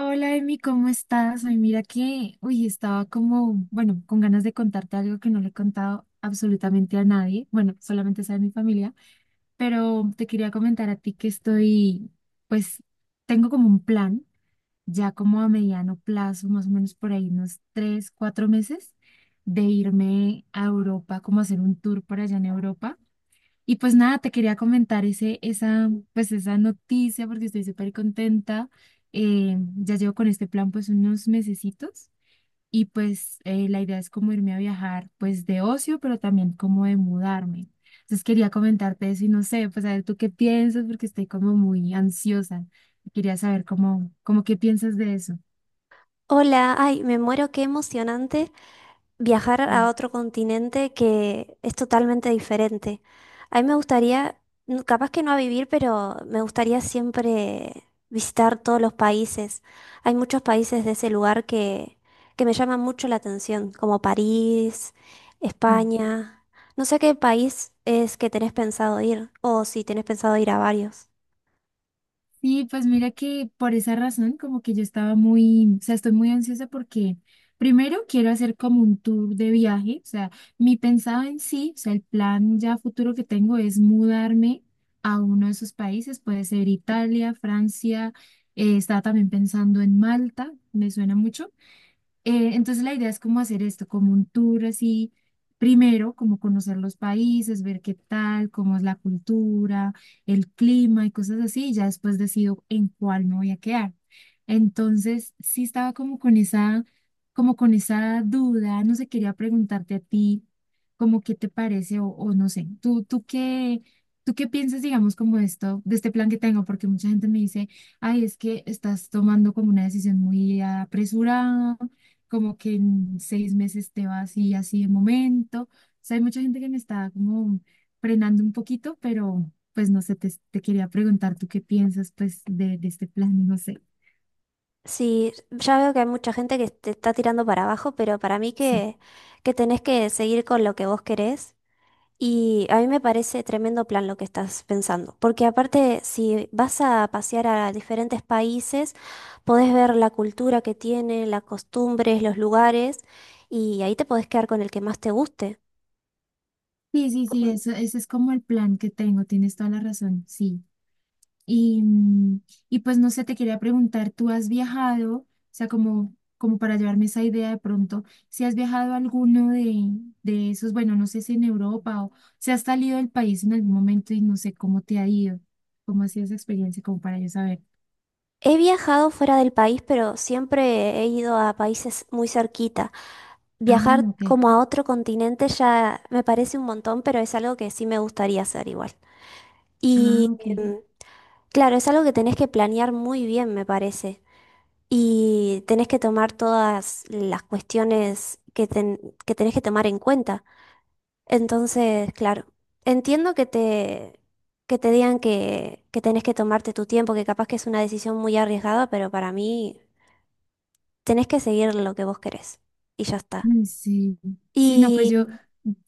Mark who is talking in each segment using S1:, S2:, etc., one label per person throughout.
S1: Hola Emi, ¿cómo estás? Ay, mira que, uy, estaba como, bueno, con ganas de contarte algo que no le he contado absolutamente a nadie, bueno, solamente sabe mi familia, pero te quería comentar a ti que pues, tengo como un plan, ya como a mediano plazo, más o menos por ahí unos 3, 4 meses, de irme a Europa, como hacer un tour por allá en Europa y pues nada, te quería comentar pues esa noticia porque estoy súper contenta. Ya llevo con este plan pues unos mesecitos y pues la idea es como irme a viajar pues de ocio, pero también como de mudarme. Entonces quería comentarte eso y no sé, pues a ver tú qué piensas porque estoy como muy ansiosa. Quería saber cómo qué piensas de eso.
S2: Hola, ay, me muero, qué emocionante viajar a otro continente que es totalmente diferente. A mí me gustaría, capaz que no a vivir, pero me gustaría siempre visitar todos los países. Hay muchos países de ese lugar que me llaman mucho la atención, como París,
S1: Mm.
S2: España. No sé a qué país es que tenés pensado ir, o si tenés pensado ir a varios.
S1: Sí, pues mira que por esa razón, como que yo estaba muy, o sea, estoy muy ansiosa porque primero quiero hacer como un tour de viaje, o sea, mi pensado en sí, o sea, el plan ya futuro que tengo es mudarme a uno de esos países, puede ser Italia, Francia, estaba también pensando en Malta, me suena mucho. Entonces la idea es como hacer esto, como un tour así, primero como conocer los países, ver qué tal, cómo es la cultura, el clima y cosas así, y ya después decido en cuál me voy a quedar. Entonces sí estaba como con esa duda, no sé, quería preguntarte a ti, como qué te parece o no sé, ¿Tú qué piensas, digamos, como de esto, de este plan que tengo? Porque mucha gente me dice, ay, es que estás tomando como una decisión muy apresurada, como que en 6 meses te va así, así de momento. O sea, hay mucha gente que me está como frenando un poquito, pero pues no sé, te quería preguntar tú qué piensas pues de este plan, no sé.
S2: Sí, ya veo que hay mucha gente que te está tirando para abajo, pero para mí
S1: Sí,
S2: que tenés que seguir con lo que vos querés. Y a mí me parece tremendo plan lo que estás pensando, porque aparte si vas a pasear a diferentes países, podés ver la cultura que tienen, las costumbres, los lugares, y ahí te podés quedar con el que más te guste.
S1: sí, sí, sí,
S2: Mm,
S1: ese es como el plan que tengo, tienes toda la razón, sí. Y, mm, y pues no sé, te quería preguntar, ¿tú has viajado? O sea, como para llevarme esa idea de pronto, si has viajado a alguno de esos, bueno, no sé si en Europa o si has salido del país en algún momento y no sé cómo te ha ido, cómo ha sido esa experiencia, como para yo saber.
S2: He viajado fuera del país, pero siempre he ido a países muy cerquita.
S1: Ah,
S2: Viajar
S1: ok.
S2: como a otro continente ya me parece un montón, pero es algo que sí me gustaría hacer igual.
S1: Ah,
S2: Y
S1: ok.
S2: claro, es algo que tenés que planear muy bien, me parece. Y tenés que tomar todas las cuestiones que que tenés que tomar en cuenta. Entonces, claro, entiendo que te digan que tenés que tomarte tu tiempo, que capaz que es una decisión muy arriesgada, pero para mí tenés que seguir lo que vos querés. Y ya está.
S1: Mm, sí, sí, no, pues yo,
S2: Y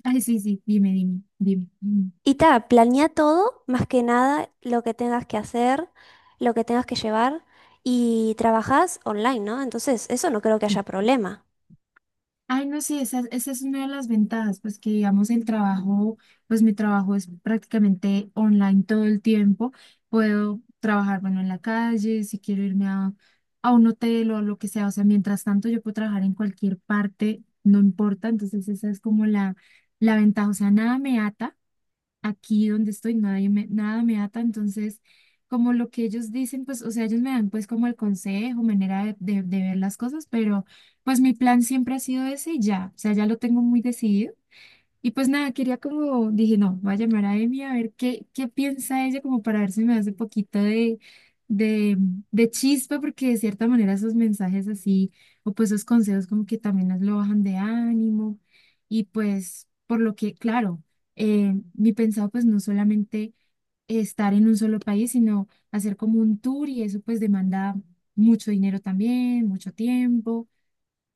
S1: ay, sí, sí, dime, dime, dime. Mm,
S2: Y ta, planea todo, más que nada lo que tengas que hacer, lo que tengas que llevar y trabajas online, ¿no? Entonces, eso no creo que haya
S1: sí.
S2: problema.
S1: Ay, no, sí, esa es una de las ventajas, pues que digamos el trabajo, pues mi trabajo es prácticamente online todo el tiempo. Puedo trabajar, bueno, en la calle, si quiero irme a un hotel o lo que sea. O sea, mientras tanto yo puedo trabajar en cualquier parte, no importa. Entonces esa es como la ventaja. O sea, nada me ata aquí donde estoy nadie me, nada me ata, entonces como lo que ellos dicen, pues, o sea, ellos me dan pues como el consejo, manera de ver las cosas, pero pues mi plan siempre ha sido ese y ya, o sea, ya lo tengo muy decidido. Y pues nada, quería como, dije, no, voy a llamar a Emi a ver qué piensa ella, como para ver si me hace poquito de, de chispa, porque de cierta manera esos mensajes así, o pues esos consejos como que también nos lo bajan de ánimo. Y pues, por lo que, claro, mi pensado pues no solamente estar en un solo país, sino hacer como un tour y eso pues demanda mucho dinero también, mucho tiempo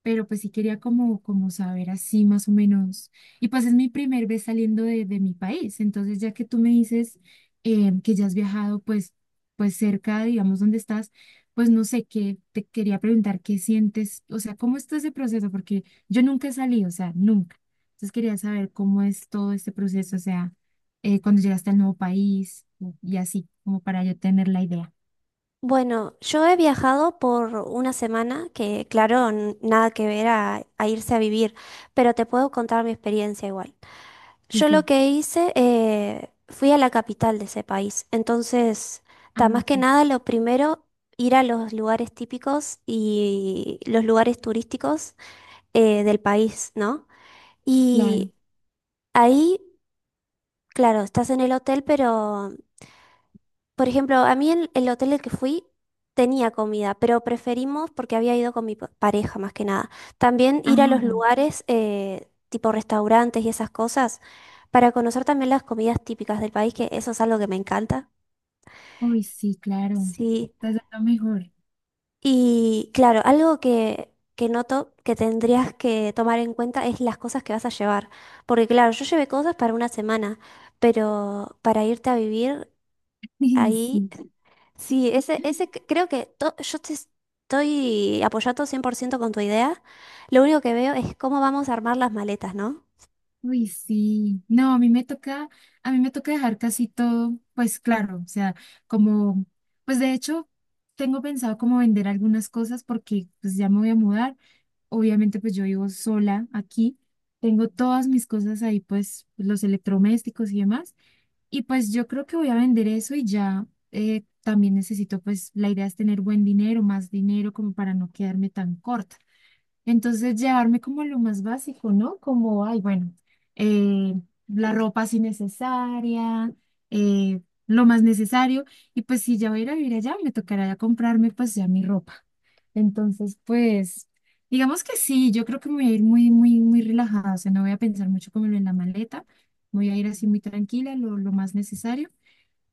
S1: pero pues sí quería como saber así más o menos. Y pues es mi primer vez saliendo de mi país, entonces ya que tú me dices que ya has viajado pues, cerca, digamos, donde estás, pues no sé, qué te quería preguntar qué sientes, o sea, cómo está ese proceso, porque yo nunca he salido, o sea, nunca. Entonces quería saber cómo es todo este proceso, o sea, cuando llegaste al nuevo país y así, como para yo tener la idea.
S2: Bueno, yo he viajado por una semana, que claro, nada que ver a irse a vivir, pero te puedo contar mi experiencia igual.
S1: Sí,
S2: Yo lo
S1: sí.
S2: que hice, fui a la capital de ese país, entonces,
S1: Ah,
S2: ta, más
S1: ok,
S2: que nada, lo primero, ir a los lugares típicos y los lugares turísticos del país, ¿no?
S1: claro.
S2: Y ahí, claro, estás en el hotel, pero, por ejemplo, a mí el hotel al que fui tenía comida, pero preferimos, porque había ido con mi pareja más que nada, también ir a
S1: Ah,
S2: los
S1: ya.
S2: lugares tipo restaurantes y esas cosas para conocer también las comidas típicas del país, que eso es algo que me encanta.
S1: Uy, sí, claro.
S2: Sí.
S1: Estás dando mejor.
S2: Y claro, algo que noto que tendrías que tomar en cuenta es las cosas que vas a llevar. Porque claro, yo llevé cosas para una semana, pero para irte a vivir ahí,
S1: Sí.
S2: sí, ese creo que yo te estoy apoyando 100% con tu idea. Lo único que veo es cómo vamos a armar las maletas, ¿no?
S1: Uy, sí. No, a mí me toca dejar casi todo, pues claro, o sea, como, pues de hecho, tengo pensado como vender algunas cosas porque pues ya me voy a mudar. Obviamente, pues yo vivo sola aquí. Tengo todas mis cosas ahí, pues los electrodomésticos y demás. Y pues yo creo que voy a vender eso y ya también necesito, pues la idea es tener buen dinero, más dinero como para no quedarme tan corta. Entonces, llevarme como a lo más básico, ¿no? Como, ay, bueno, eh, la ropa si necesaria, eh, lo más necesario. Y pues si ya voy a ir a vivir allá, me tocará ya comprarme pues ya mi ropa. Entonces, pues, digamos que sí, yo creo que me voy a ir muy, muy, muy relajada. O sea, no voy a pensar mucho como en la maleta. Voy a ir así muy tranquila, lo más necesario.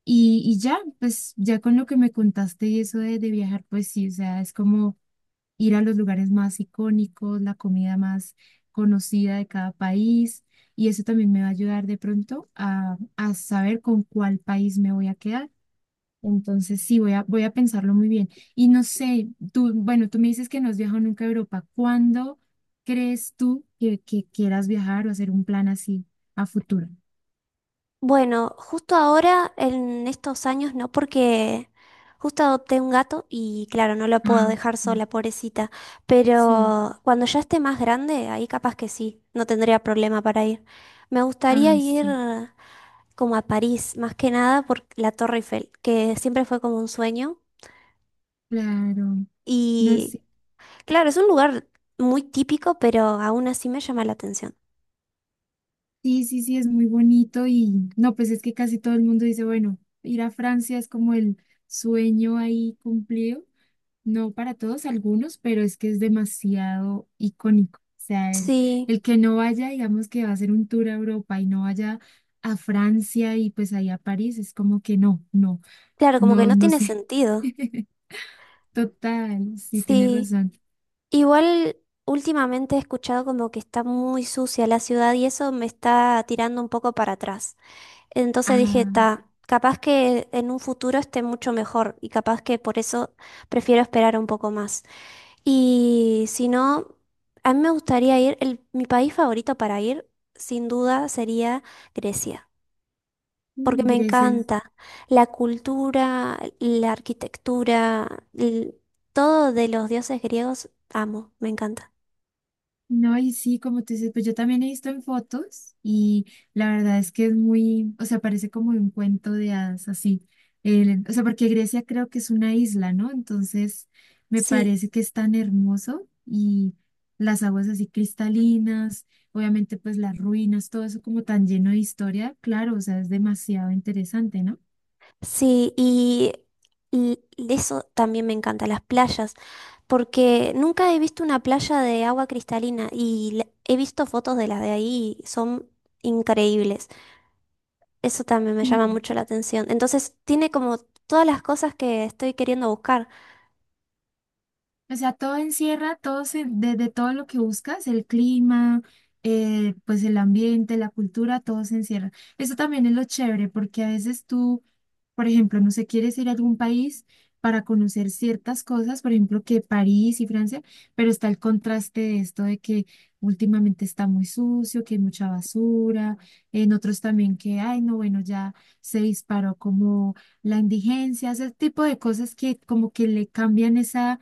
S1: Y ya, pues ya con lo que me contaste y eso de viajar, pues sí, o sea, es como ir a los lugares más icónicos, la comida más conocida de cada país. Y eso también me va a ayudar de pronto a saber con cuál país me voy a quedar. Entonces, sí, voy a pensarlo muy bien. Y no sé, tú, bueno, tú me dices que no has viajado nunca a Europa. ¿Cuándo crees tú que quieras viajar o hacer un plan así a futuro?
S2: Bueno, justo ahora, en estos años, no, porque justo adopté un gato y claro, no lo puedo
S1: Ah,
S2: dejar
S1: ah,
S2: sola, pobrecita.
S1: sí,
S2: Pero cuando ya esté más grande, ahí capaz que sí, no tendría problema para ir. Me gustaría
S1: ah,
S2: ir
S1: sí,
S2: como a París, más que nada por la Torre Eiffel, que siempre fue como un sueño.
S1: claro. No
S2: Y
S1: sé.
S2: claro, es un lugar muy típico, pero aún así me llama la atención.
S1: Sí, sí, sí, es muy bonito y no, pues es que casi todo el mundo dice, bueno, ir a Francia es como el sueño ahí cumplido, no para todos, algunos, pero es que es demasiado icónico. O sea, el,
S2: Sí,
S1: el que no vaya, digamos que va a hacer un tour a Europa y no vaya a Francia y pues ahí a París, es como que no, no,
S2: claro, como que
S1: no,
S2: no
S1: no
S2: tiene
S1: sé.
S2: sentido.
S1: Total, sí, tienes
S2: Sí.
S1: razón.
S2: Igual últimamente he escuchado como que está muy sucia la ciudad y eso me está tirando un poco para atrás. Entonces dije,
S1: Ah,
S2: ta, capaz que en un futuro esté mucho mejor y capaz que por eso prefiero esperar un poco más. Y si no, a mí me gustaría ir, mi país favorito para ir, sin duda, sería Grecia, porque
S1: mm,
S2: me
S1: gracias.
S2: encanta la cultura, la arquitectura, todo de los dioses griegos, amo, me encanta.
S1: No, y sí, como tú dices, pues yo también he visto en fotos y la verdad es que es muy, o sea, parece como un cuento de hadas, así. O sea, porque Grecia creo que es una isla, ¿no? Entonces, me
S2: Sí,
S1: parece que es tan hermoso y las aguas así cristalinas, obviamente pues las ruinas, todo eso como tan lleno de historia, claro, o sea, es demasiado interesante, ¿no?
S2: sí, y eso también me encanta, las playas, porque nunca he visto una playa de agua cristalina y he visto fotos de las de ahí y son increíbles. Eso también me llama mucho la atención. Entonces, tiene como todas las cosas que estoy queriendo buscar.
S1: O sea, todo encierra, de todo lo que buscas, el clima, pues el ambiente, la cultura, todo se encierra. Eso también es lo chévere, porque a veces tú, por ejemplo, no sé, quieres ir a algún país para conocer ciertas cosas, por ejemplo, que París y Francia, pero está el contraste de esto de que últimamente está muy sucio, que hay mucha basura, en otros también que, ay, no, bueno, ya se disparó como la indigencia, ese tipo de cosas que como que le cambian esa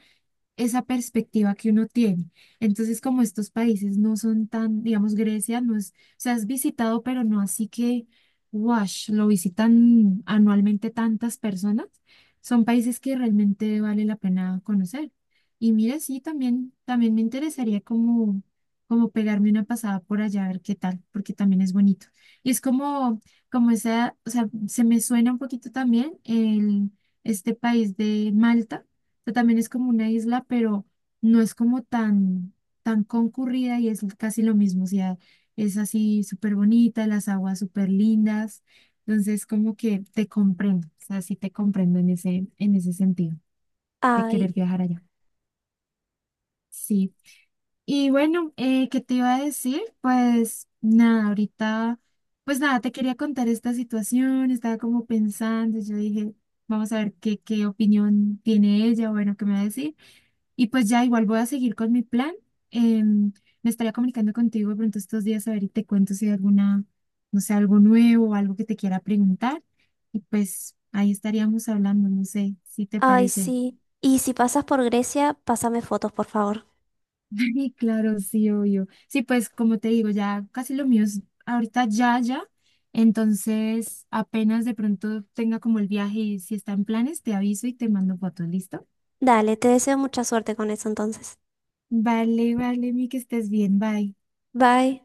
S1: esa perspectiva que uno tiene. Entonces, como estos países no son tan, digamos, Grecia no es, o sea, has visitado, pero no así que, wash, lo visitan anualmente tantas personas. Son países que realmente vale la pena conocer. Y mira, sí, también me interesaría como pegarme una pasada por allá a ver qué tal, porque también es bonito. Y es como esa, o sea, se me suena un poquito también este país de Malta sea, también es como una isla, pero no es como tan, concurrida y es casi lo mismo. O sea, es así súper bonita, las aguas súper lindas. Entonces, como que te comprendo. O sea, sí te comprendo en ese sentido de
S2: Ay,
S1: querer viajar allá. Sí. Y bueno, ¿qué te iba a decir? Pues nada, ahorita, pues nada, te quería contar esta situación. Estaba como pensando, yo dije, vamos a ver qué opinión tiene ella, bueno, qué me va a decir. Y pues ya igual voy a seguir con mi plan. Em, Me estaría comunicando contigo de pronto estos días a ver y te cuento si hay alguna, no sé, algo nuevo o algo que te quiera preguntar. Y pues ahí estaríamos hablando, no sé si te
S2: ay,
S1: parece.
S2: sí. Y si pasas por Grecia, pásame fotos, por favor.
S1: Y claro, sí, obvio. Sí, pues como te digo, ya casi lo mío es ahorita ya, ya. Entonces, apenas de pronto tenga como el viaje y si está en planes, te aviso y te mando fotos, ¿listo?
S2: Dale, te deseo mucha suerte con eso entonces.
S1: Vale, vale, mi que estés bien, bye.
S2: Bye.